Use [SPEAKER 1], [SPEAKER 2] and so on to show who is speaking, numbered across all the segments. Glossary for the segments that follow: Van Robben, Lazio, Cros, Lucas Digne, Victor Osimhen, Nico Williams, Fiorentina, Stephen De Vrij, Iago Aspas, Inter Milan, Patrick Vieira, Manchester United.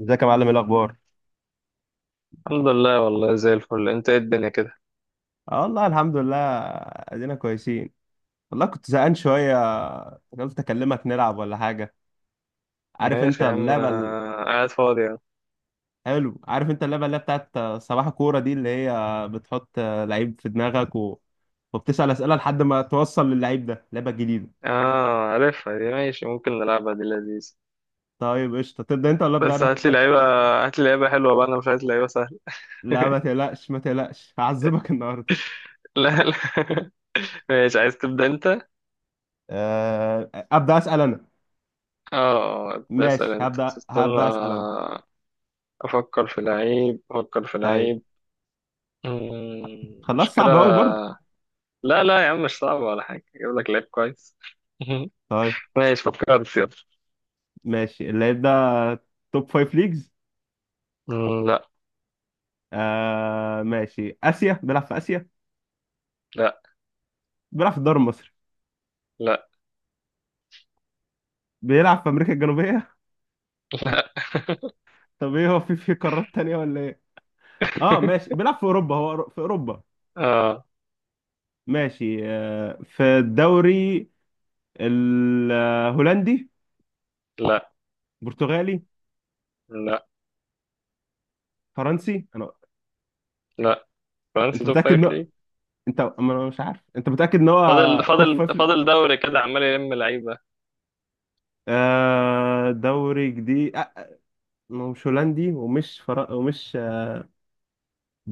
[SPEAKER 1] ازيك يا معلم؟ ايه الاخبار؟
[SPEAKER 2] الحمد لله، والله زي الفل. انت ايه الدنيا كده؟
[SPEAKER 1] اه والله الحمد لله. ادينا كويسين. والله كنت زهقان شويه. قلت اكلمك نلعب ولا حاجه. عارف انت
[SPEAKER 2] ماشي يا عم،
[SPEAKER 1] اللعبه ال-
[SPEAKER 2] انا قاعد فاضي يعني.
[SPEAKER 1] حلو، عارف انت اللعبه اللي هي بتاعت صباح كوره دي، اللي هي بتحط لعيب في دماغك وبتسال اسئله لحد ما توصل للعيب ده. لعبه جديده.
[SPEAKER 2] اه، عارفها دي. ماشي، ممكن نلعبها، دي لذيذ.
[SPEAKER 1] طيب قشطه، تبدا انت ولا ابدا
[SPEAKER 2] بس
[SPEAKER 1] انا؟
[SPEAKER 2] هات لي لعيبه حلوه بقى، انا مش عايز لعيبه سهله.
[SPEAKER 1] لا، ما تقلقش ما تقلقش هعذبك النهارده.
[SPEAKER 2] لا لا. ماشي، عايز تبدا انت؟ اه.
[SPEAKER 1] ابدا اسال انا.
[SPEAKER 2] اه، ابدا اسال
[SPEAKER 1] ماشي،
[SPEAKER 2] انت بس
[SPEAKER 1] هبدا
[SPEAKER 2] استنى.
[SPEAKER 1] اسال انا.
[SPEAKER 2] افكر في لعيب، افكر في
[SPEAKER 1] طيب.
[SPEAKER 2] لعيب.
[SPEAKER 1] خلاص،
[SPEAKER 2] مشكله.
[SPEAKER 1] صعب قوي برضه.
[SPEAKER 2] لا لا يا عم، مش صعبه ولا حاجه، اجيب لك لعيب كويس.
[SPEAKER 1] طيب.
[SPEAKER 2] ماشي فكرت، يلا.
[SPEAKER 1] ماشي، اللعيب ده توب فايف ليجز.
[SPEAKER 2] مم، لا
[SPEAKER 1] آه ماشي، آسيا، بيلعب في آسيا.
[SPEAKER 2] لا.
[SPEAKER 1] بيلعب في الدوري المصري.
[SPEAKER 2] لا
[SPEAKER 1] بيلعب في أمريكا الجنوبية.
[SPEAKER 2] لا.
[SPEAKER 1] طب ايه، هو في قارات تانية ولا ايه؟ اه ماشي، بيلعب في أوروبا، هو في أوروبا.
[SPEAKER 2] اه،
[SPEAKER 1] ماشي آه، في الدوري الهولندي.
[SPEAKER 2] لا
[SPEAKER 1] برتغالي.
[SPEAKER 2] لا.
[SPEAKER 1] فرنسي انا.
[SPEAKER 2] لا، فرنسي
[SPEAKER 1] انت
[SPEAKER 2] توب
[SPEAKER 1] متأكد
[SPEAKER 2] فايف
[SPEAKER 1] ان
[SPEAKER 2] ليه؟
[SPEAKER 1] انت، أما انا مش عارف، انت متأكد ان
[SPEAKER 2] فاضل
[SPEAKER 1] هو. توب
[SPEAKER 2] فاضل
[SPEAKER 1] فايف ليج؟
[SPEAKER 2] فاضل دوري كده، عمال يلم لعيبه.
[SPEAKER 1] آه دوري جديد آه. ما هو مش هولندي ومش ومش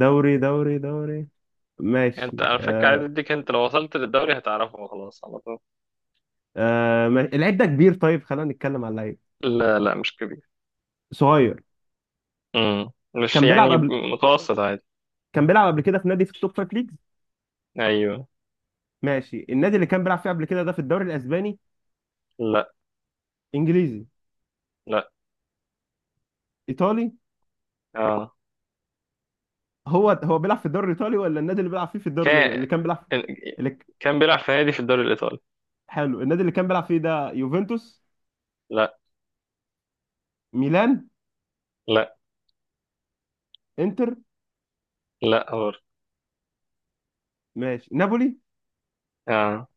[SPEAKER 1] دوري دوري.
[SPEAKER 2] يعني
[SPEAKER 1] ماشي
[SPEAKER 2] انت على فكره، عايز
[SPEAKER 1] آه.
[SPEAKER 2] اديك، انت لو وصلت للدوري هتعرفه خلاص على طول.
[SPEAKER 1] آه، ما... العيب ده كبير. طيب خلينا نتكلم على اللعيب.
[SPEAKER 2] لا لا، مش كبير.
[SPEAKER 1] صغير.
[SPEAKER 2] مش
[SPEAKER 1] كان بيلعب
[SPEAKER 2] يعني.
[SPEAKER 1] قبل
[SPEAKER 2] متوسط، عادي.
[SPEAKER 1] كان بيلعب قبل كده في نادي في التوب فايف ليجز.
[SPEAKER 2] ايوه.
[SPEAKER 1] ماشي، النادي اللي كان بيلعب فيه قبل كده ده في الدوري الاسباني.
[SPEAKER 2] لا
[SPEAKER 1] انجليزي.
[SPEAKER 2] لا.
[SPEAKER 1] ايطالي.
[SPEAKER 2] اه
[SPEAKER 1] هو بيلعب في الدوري الايطالي، ولا النادي اللي بيلعب فيه في الدوري
[SPEAKER 2] كان
[SPEAKER 1] اللي كان بيلعب؟ اللي... ك-
[SPEAKER 2] كان بيلعب في نادي في الدوري الايطالي.
[SPEAKER 1] حلو، النادي اللي كان بيلعب فيه ده يوفنتوس.
[SPEAKER 2] لا
[SPEAKER 1] ميلان.
[SPEAKER 2] لا
[SPEAKER 1] انتر.
[SPEAKER 2] لا، هور.
[SPEAKER 1] ماشي، نابولي.
[SPEAKER 2] اه.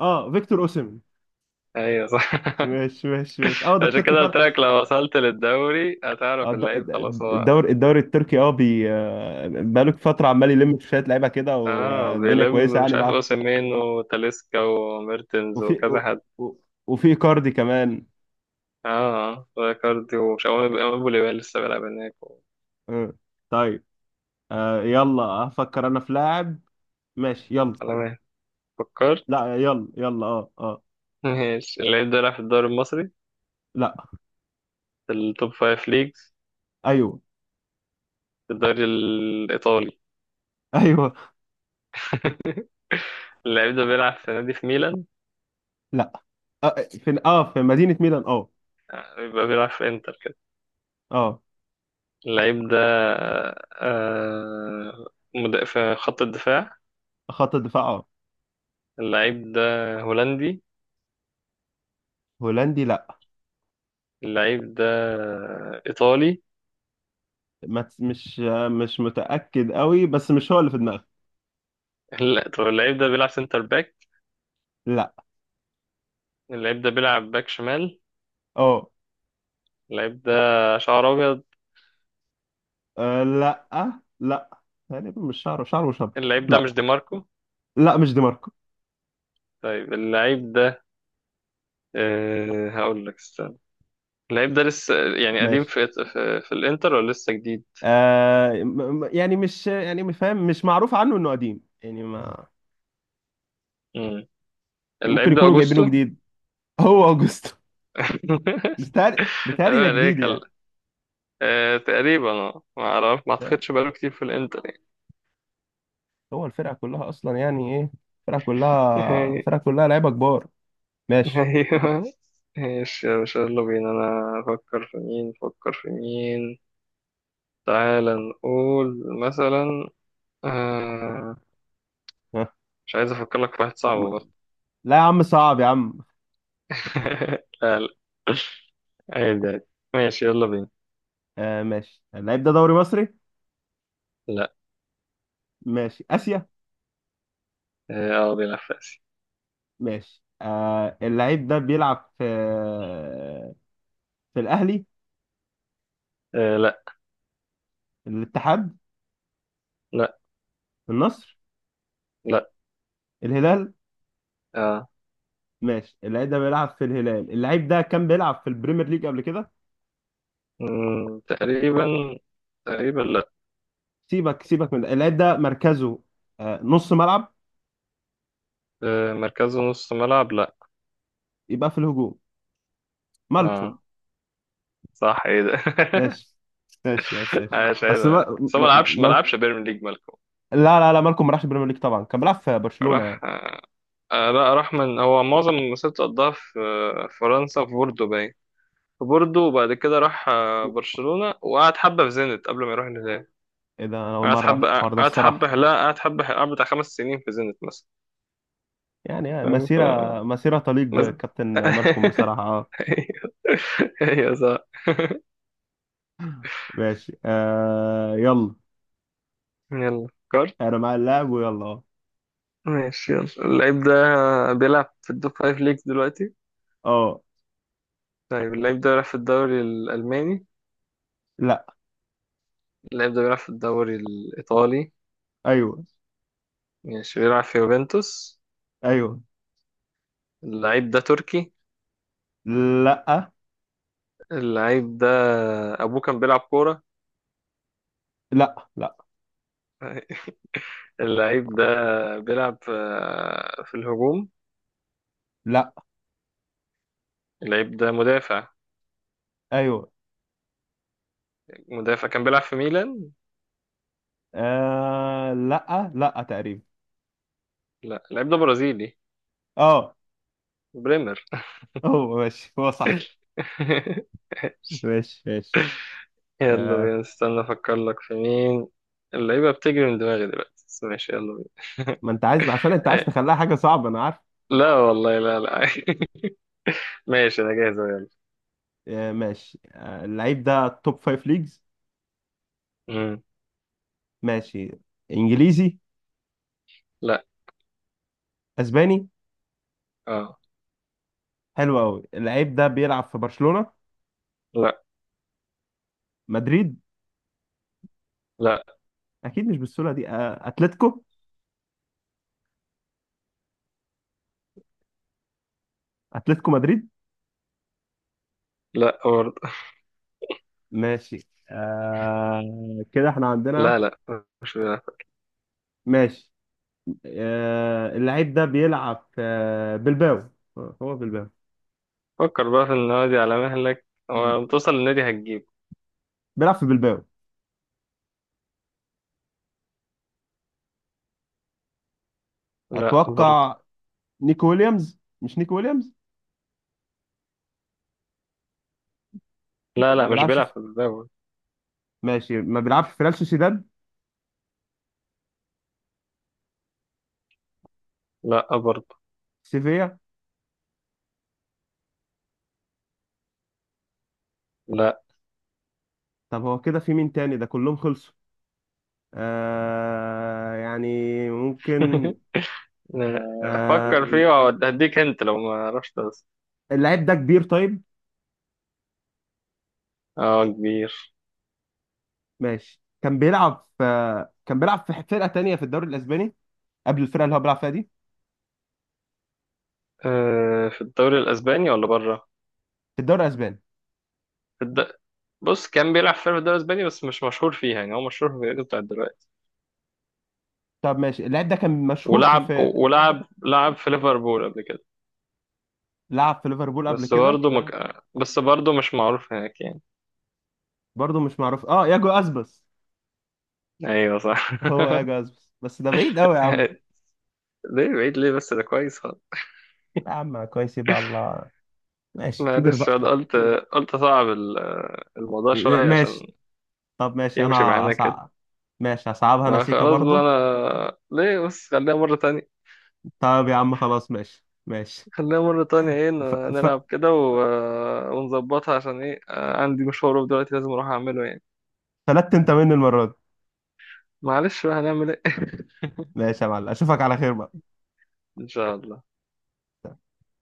[SPEAKER 1] اه، فيكتور اوسيمين.
[SPEAKER 2] ايوه صح.
[SPEAKER 1] ماشي ماشي ماشي، اه ده
[SPEAKER 2] عشان
[SPEAKER 1] التركي
[SPEAKER 2] كده
[SPEAKER 1] فعلا.
[SPEAKER 2] قلت لك، لو وصلت للدوري
[SPEAKER 1] اه
[SPEAKER 2] هتعرف اللعيب خلاص. هو
[SPEAKER 1] الدوري، التركي. اه بي بقاله فترة عمال يلم في شوية لعيبة كده،
[SPEAKER 2] اه
[SPEAKER 1] والدنيا كويسة
[SPEAKER 2] بيلم، مش
[SPEAKER 1] يعني
[SPEAKER 2] عارف
[SPEAKER 1] معاه.
[SPEAKER 2] اوسيمين وتاليسكا وميرتنز
[SPEAKER 1] وفي
[SPEAKER 2] وكذا حد.
[SPEAKER 1] و- وفي كاردي كمان.
[SPEAKER 2] اه كاردي، ومش عارف ابو ليبال لسه بيلعب هناك و...
[SPEAKER 1] اه. طيب. يلا هفكر انا في لاعب.
[SPEAKER 2] آه،
[SPEAKER 1] ماشي يلا.
[SPEAKER 2] على ما فكرت.
[SPEAKER 1] لا يلا يلا اه اه.
[SPEAKER 2] ماشي، اللعيب ده لعب في الدوري المصري.
[SPEAKER 1] لا.
[SPEAKER 2] في التوب فايف ليجز.
[SPEAKER 1] ايوه.
[SPEAKER 2] في الدوري الايطالي.
[SPEAKER 1] ايوه.
[SPEAKER 2] اللعيب ده بيلعب في نادي في ميلان.
[SPEAKER 1] لا. اه، في في مدينة ميلان، اه.
[SPEAKER 2] يبقى بيلعب في انتر كده.
[SPEAKER 1] اه،
[SPEAKER 2] اللعيب ده آه في خط الدفاع.
[SPEAKER 1] خط الدفاع، اه.
[SPEAKER 2] اللعيب ده هولندي.
[SPEAKER 1] هولندي، لا.
[SPEAKER 2] اللعيب ده إيطالي.
[SPEAKER 1] ما تس- مش متأكد قوي، بس مش هو اللي في دماغي.
[SPEAKER 2] لا، طب اللعيب ده بيلعب سنتر باك.
[SPEAKER 1] لا.
[SPEAKER 2] اللعيب ده بيلعب باك شمال.
[SPEAKER 1] اه.
[SPEAKER 2] اللعيب ده شعر ابيض.
[SPEAKER 1] أه لا لا، تقريبا. مش شعره مش ابيض.
[SPEAKER 2] اللعيب ده مش
[SPEAKER 1] لا
[SPEAKER 2] دي ماركو.
[SPEAKER 1] لا، مش دي ماركو.
[SPEAKER 2] طيب اللعيب ده، هقول لك استنى. اللعيب ده لسه يعني قديم
[SPEAKER 1] ماشي.
[SPEAKER 2] في الانتر، ولا لسه جديد؟
[SPEAKER 1] يعني مش فاهم، مش معروف عنه انه قديم يعني ما.
[SPEAKER 2] مم.
[SPEAKER 1] يعني ممكن
[SPEAKER 2] اللعيب ده
[SPEAKER 1] يكونوا جايبينه
[SPEAKER 2] اوجوستو.
[SPEAKER 1] جديد. هو اوجستو. بتهيألي ده
[SPEAKER 2] ايوه،
[SPEAKER 1] جديد
[SPEAKER 2] عليك
[SPEAKER 1] يعني.
[SPEAKER 2] هلا. تقريبا، ما اعرف، ما
[SPEAKER 1] ده-
[SPEAKER 2] اعتقدش بقاله كتير في الانتر يعني.
[SPEAKER 1] هو الفرقة كلها اصلا يعني ايه؟ الفرقة كلها، لعيبة كبار. ماشي.
[SPEAKER 2] ايوه. ماشي يا باشا، يلا بينا، انا افكر في مين، افكر في مين. تعال نقول مثلا. آه
[SPEAKER 1] ها.
[SPEAKER 2] مش عايز افكر لك في واحد صعب
[SPEAKER 1] م-
[SPEAKER 2] برضه.
[SPEAKER 1] لا يا عم، صعب يا عم.
[SPEAKER 2] لا لا. عادي عادي. ماشي، يلا بينا.
[SPEAKER 1] أه ماشي، اللعيب ده دوري مصري.
[SPEAKER 2] لا.
[SPEAKER 1] ماشي، اسيا.
[SPEAKER 2] اه، بيلعب في اسيا.
[SPEAKER 1] ماشي آه، اللعيب ده بيلعب في الاهلي.
[SPEAKER 2] آه، لا.
[SPEAKER 1] الاتحاد.
[SPEAKER 2] لا.
[SPEAKER 1] النصر.
[SPEAKER 2] لا.
[SPEAKER 1] الهلال.
[SPEAKER 2] آه.
[SPEAKER 1] ماشي، اللعيب ده بيلعب في الهلال. اللعيب ده كان بيلعب في البريمير ليج قبل كده.
[SPEAKER 2] تقريبا. تقريبا، لا.
[SPEAKER 1] سيبك سيبك من ده. اللعيب ده مركزه نص ملعب.
[SPEAKER 2] مركزه نص ملعب. لا.
[SPEAKER 1] يبقى في الهجوم. مالكم.
[SPEAKER 2] اه صح، ايه ده!
[SPEAKER 1] ماشي ماشي ماشي ماشي.
[SPEAKER 2] عايش عايز.
[SPEAKER 1] بس ما...
[SPEAKER 2] بس هو ما
[SPEAKER 1] ما...
[SPEAKER 2] لعبش ما
[SPEAKER 1] ما...
[SPEAKER 2] لعبش بيرم ليج، مالكم.
[SPEAKER 1] لا لا لا، مالكم ما راحش البريمير ليج طبعا، كان بيلعب في برشلونة
[SPEAKER 2] راح
[SPEAKER 1] يعني.
[SPEAKER 2] آه. لا، راح. من هو معظم مسيرته قضاها في فرنسا، في بوردو، باين. في بوردو، وبعد كده راح برشلونة، وقعد حبة في زينت قبل ما يروح الهلال.
[SPEAKER 1] ايه ده، انا اول
[SPEAKER 2] قعدت
[SPEAKER 1] مرة اعرف
[SPEAKER 2] حبة
[SPEAKER 1] الحوار ده
[SPEAKER 2] قعدت حبة
[SPEAKER 1] الصراحة.
[SPEAKER 2] لا قعدت حبة حلقة بتاع 5 سنين في زينت مثلا.
[SPEAKER 1] يعني
[SPEAKER 2] فاهم
[SPEAKER 1] مسيرة تليق
[SPEAKER 2] مثلا.
[SPEAKER 1] بكابتن مالكم بصراحة، اه.
[SPEAKER 2] ايوه. ايوه صح.
[SPEAKER 1] ماشي آه يلا.
[SPEAKER 2] يلا كارت.
[SPEAKER 1] انا مع اللاعب، ويلا اه.
[SPEAKER 2] ماشي يلا، اللعيب ده بيلعب في التوب فايف ليجز دلوقتي.
[SPEAKER 1] اه.
[SPEAKER 2] طيب اللعيب ده بيلعب في الدوري الألماني.
[SPEAKER 1] لا.
[SPEAKER 2] اللعيب ده بيلعب في الدوري الإيطالي.
[SPEAKER 1] ايوه.
[SPEAKER 2] ماشي، بيلعب في يوفنتوس.
[SPEAKER 1] ايوه.
[SPEAKER 2] اللعيب ده تركي.
[SPEAKER 1] لا.
[SPEAKER 2] اللعيب ده أبوه كان بيلعب كورة.
[SPEAKER 1] لا. لا.
[SPEAKER 2] اللعيب ده بيلعب في الهجوم.
[SPEAKER 1] لا.
[SPEAKER 2] اللعيب ده مدافع.
[SPEAKER 1] ايوه.
[SPEAKER 2] مدافع كان بيلعب في ميلان.
[SPEAKER 1] آه لا لا، تقريبا.
[SPEAKER 2] لا، اللاعب ده برازيلي.
[SPEAKER 1] اه.
[SPEAKER 2] بريمر.
[SPEAKER 1] هو ماشي، هو صح. ماشي ماشي.
[SPEAKER 2] يلا
[SPEAKER 1] آه،
[SPEAKER 2] بينا، استنى افكر لك في مين. اللعيبه بتجري من دماغي دلوقتي، بس ماشي يلا بينا.
[SPEAKER 1] ما انت عايز عشان انت عايز
[SPEAKER 2] إيه.
[SPEAKER 1] تخليها حاجه صعبه، انا عارف.
[SPEAKER 2] لا والله، لا لا. ماشي انا جاهز أهو، يلا.
[SPEAKER 1] آه ماشي اللعيب ده توب فايف ليجز.
[SPEAKER 2] مم.
[SPEAKER 1] ماشي. انجليزي.
[SPEAKER 2] لا.
[SPEAKER 1] اسباني.
[SPEAKER 2] اه.
[SPEAKER 1] حلو قوي، اللعيب ده بيلعب في برشلونه.
[SPEAKER 2] لا.
[SPEAKER 1] مدريد.
[SPEAKER 2] لا.
[SPEAKER 1] اكيد مش بالسهوله دي، آه، اتلتيكو. اتلتيكو مدريد.
[SPEAKER 2] لا برضه.
[SPEAKER 1] ماشي آه كده احنا
[SPEAKER 2] لا
[SPEAKER 1] عندنا.
[SPEAKER 2] لا، مش بيلعب.
[SPEAKER 1] ماشي. اللعيب ده بيلعب في بلباو. هو بلباو.
[SPEAKER 2] فكر بقى في النادي على مهلك، ولما توصل للنادي هتجيب.
[SPEAKER 1] بيلعب في بلباو.
[SPEAKER 2] لا برضه.
[SPEAKER 1] اتوقع نيكو ويليامز، مش نيكو ويليامز.
[SPEAKER 2] لا
[SPEAKER 1] ما
[SPEAKER 2] لا، مش
[SPEAKER 1] بيلعبش
[SPEAKER 2] بيلعب
[SPEAKER 1] في...
[SPEAKER 2] في الدوري.
[SPEAKER 1] ماشي، ما بيلعبش في ريال سوسيداد.
[SPEAKER 2] لا برضه.
[SPEAKER 1] سيفيا.
[SPEAKER 2] لا.
[SPEAKER 1] طب هو كده في مين تاني؟ ده كلهم خلصوا. آه يعني. ممكن. آه.
[SPEAKER 2] افكر فيه وهديك انت لو ما عرفتش بس.
[SPEAKER 1] اللعيب ده كبير طيب.
[SPEAKER 2] اه كبير.
[SPEAKER 1] ماشي، كان بيلعب في فرقة تانية في الدوري الاسباني قبل الفرقة اللي هو بيلعب فيها دي،
[SPEAKER 2] في الدوري الاسباني ولا بره؟
[SPEAKER 1] في الدوري الاسباني.
[SPEAKER 2] في الد... بص كان بيلعب في الدوري الاسباني بس مش مشهور فيها، يعني هو مشهور في الفريق بتاع دلوقتي.
[SPEAKER 1] طب ماشي، اللعيب ده كان مشهور
[SPEAKER 2] ولعب ولعب لعب في ليفربول قبل كده.
[SPEAKER 1] لعب في ليفربول قبل
[SPEAKER 2] بس
[SPEAKER 1] كده.
[SPEAKER 2] برضه آه. مك... بس برضه مش معروف هناك يعني.
[SPEAKER 1] برضه مش معروف، ياجو اسبس.
[SPEAKER 2] ايوه صح.
[SPEAKER 1] هو ياجو اسبس، بس ده بعيد قوي يا عم.
[SPEAKER 2] ليه بعيد، ليه؟ بس ده كويس خالص.
[SPEAKER 1] يا عم كويس، يبقى الله. ماشي، كبر
[SPEAKER 2] معلش،
[SPEAKER 1] بقى.
[SPEAKER 2] انا قلت صعب الموضوع شوية عشان
[SPEAKER 1] ماشي. طب ماشي انا.
[SPEAKER 2] يمشي معانا كده.
[SPEAKER 1] هصعب. ماشي، هصعبها انا
[SPEAKER 2] ما
[SPEAKER 1] سيكا
[SPEAKER 2] خلاص بقى،
[SPEAKER 1] برضه.
[SPEAKER 2] انا ليه؟ بس خليها مرة تانية.
[SPEAKER 1] طب يا عم خلاص ماشي ماشي.
[SPEAKER 2] خلينا مرة تانية ايه
[SPEAKER 1] ف... ف...
[SPEAKER 2] نلعب كده و... آه، ونظبطها عشان ايه عندي مشوار دلوقتي لازم اروح اعمله يعني.
[SPEAKER 1] فلت انت مني المرة دي.
[SPEAKER 2] معلش بقى، هنعمل ايه؟
[SPEAKER 1] ماشي يا معلم، اشوفك على خير بقى.
[SPEAKER 2] ان شاء الله.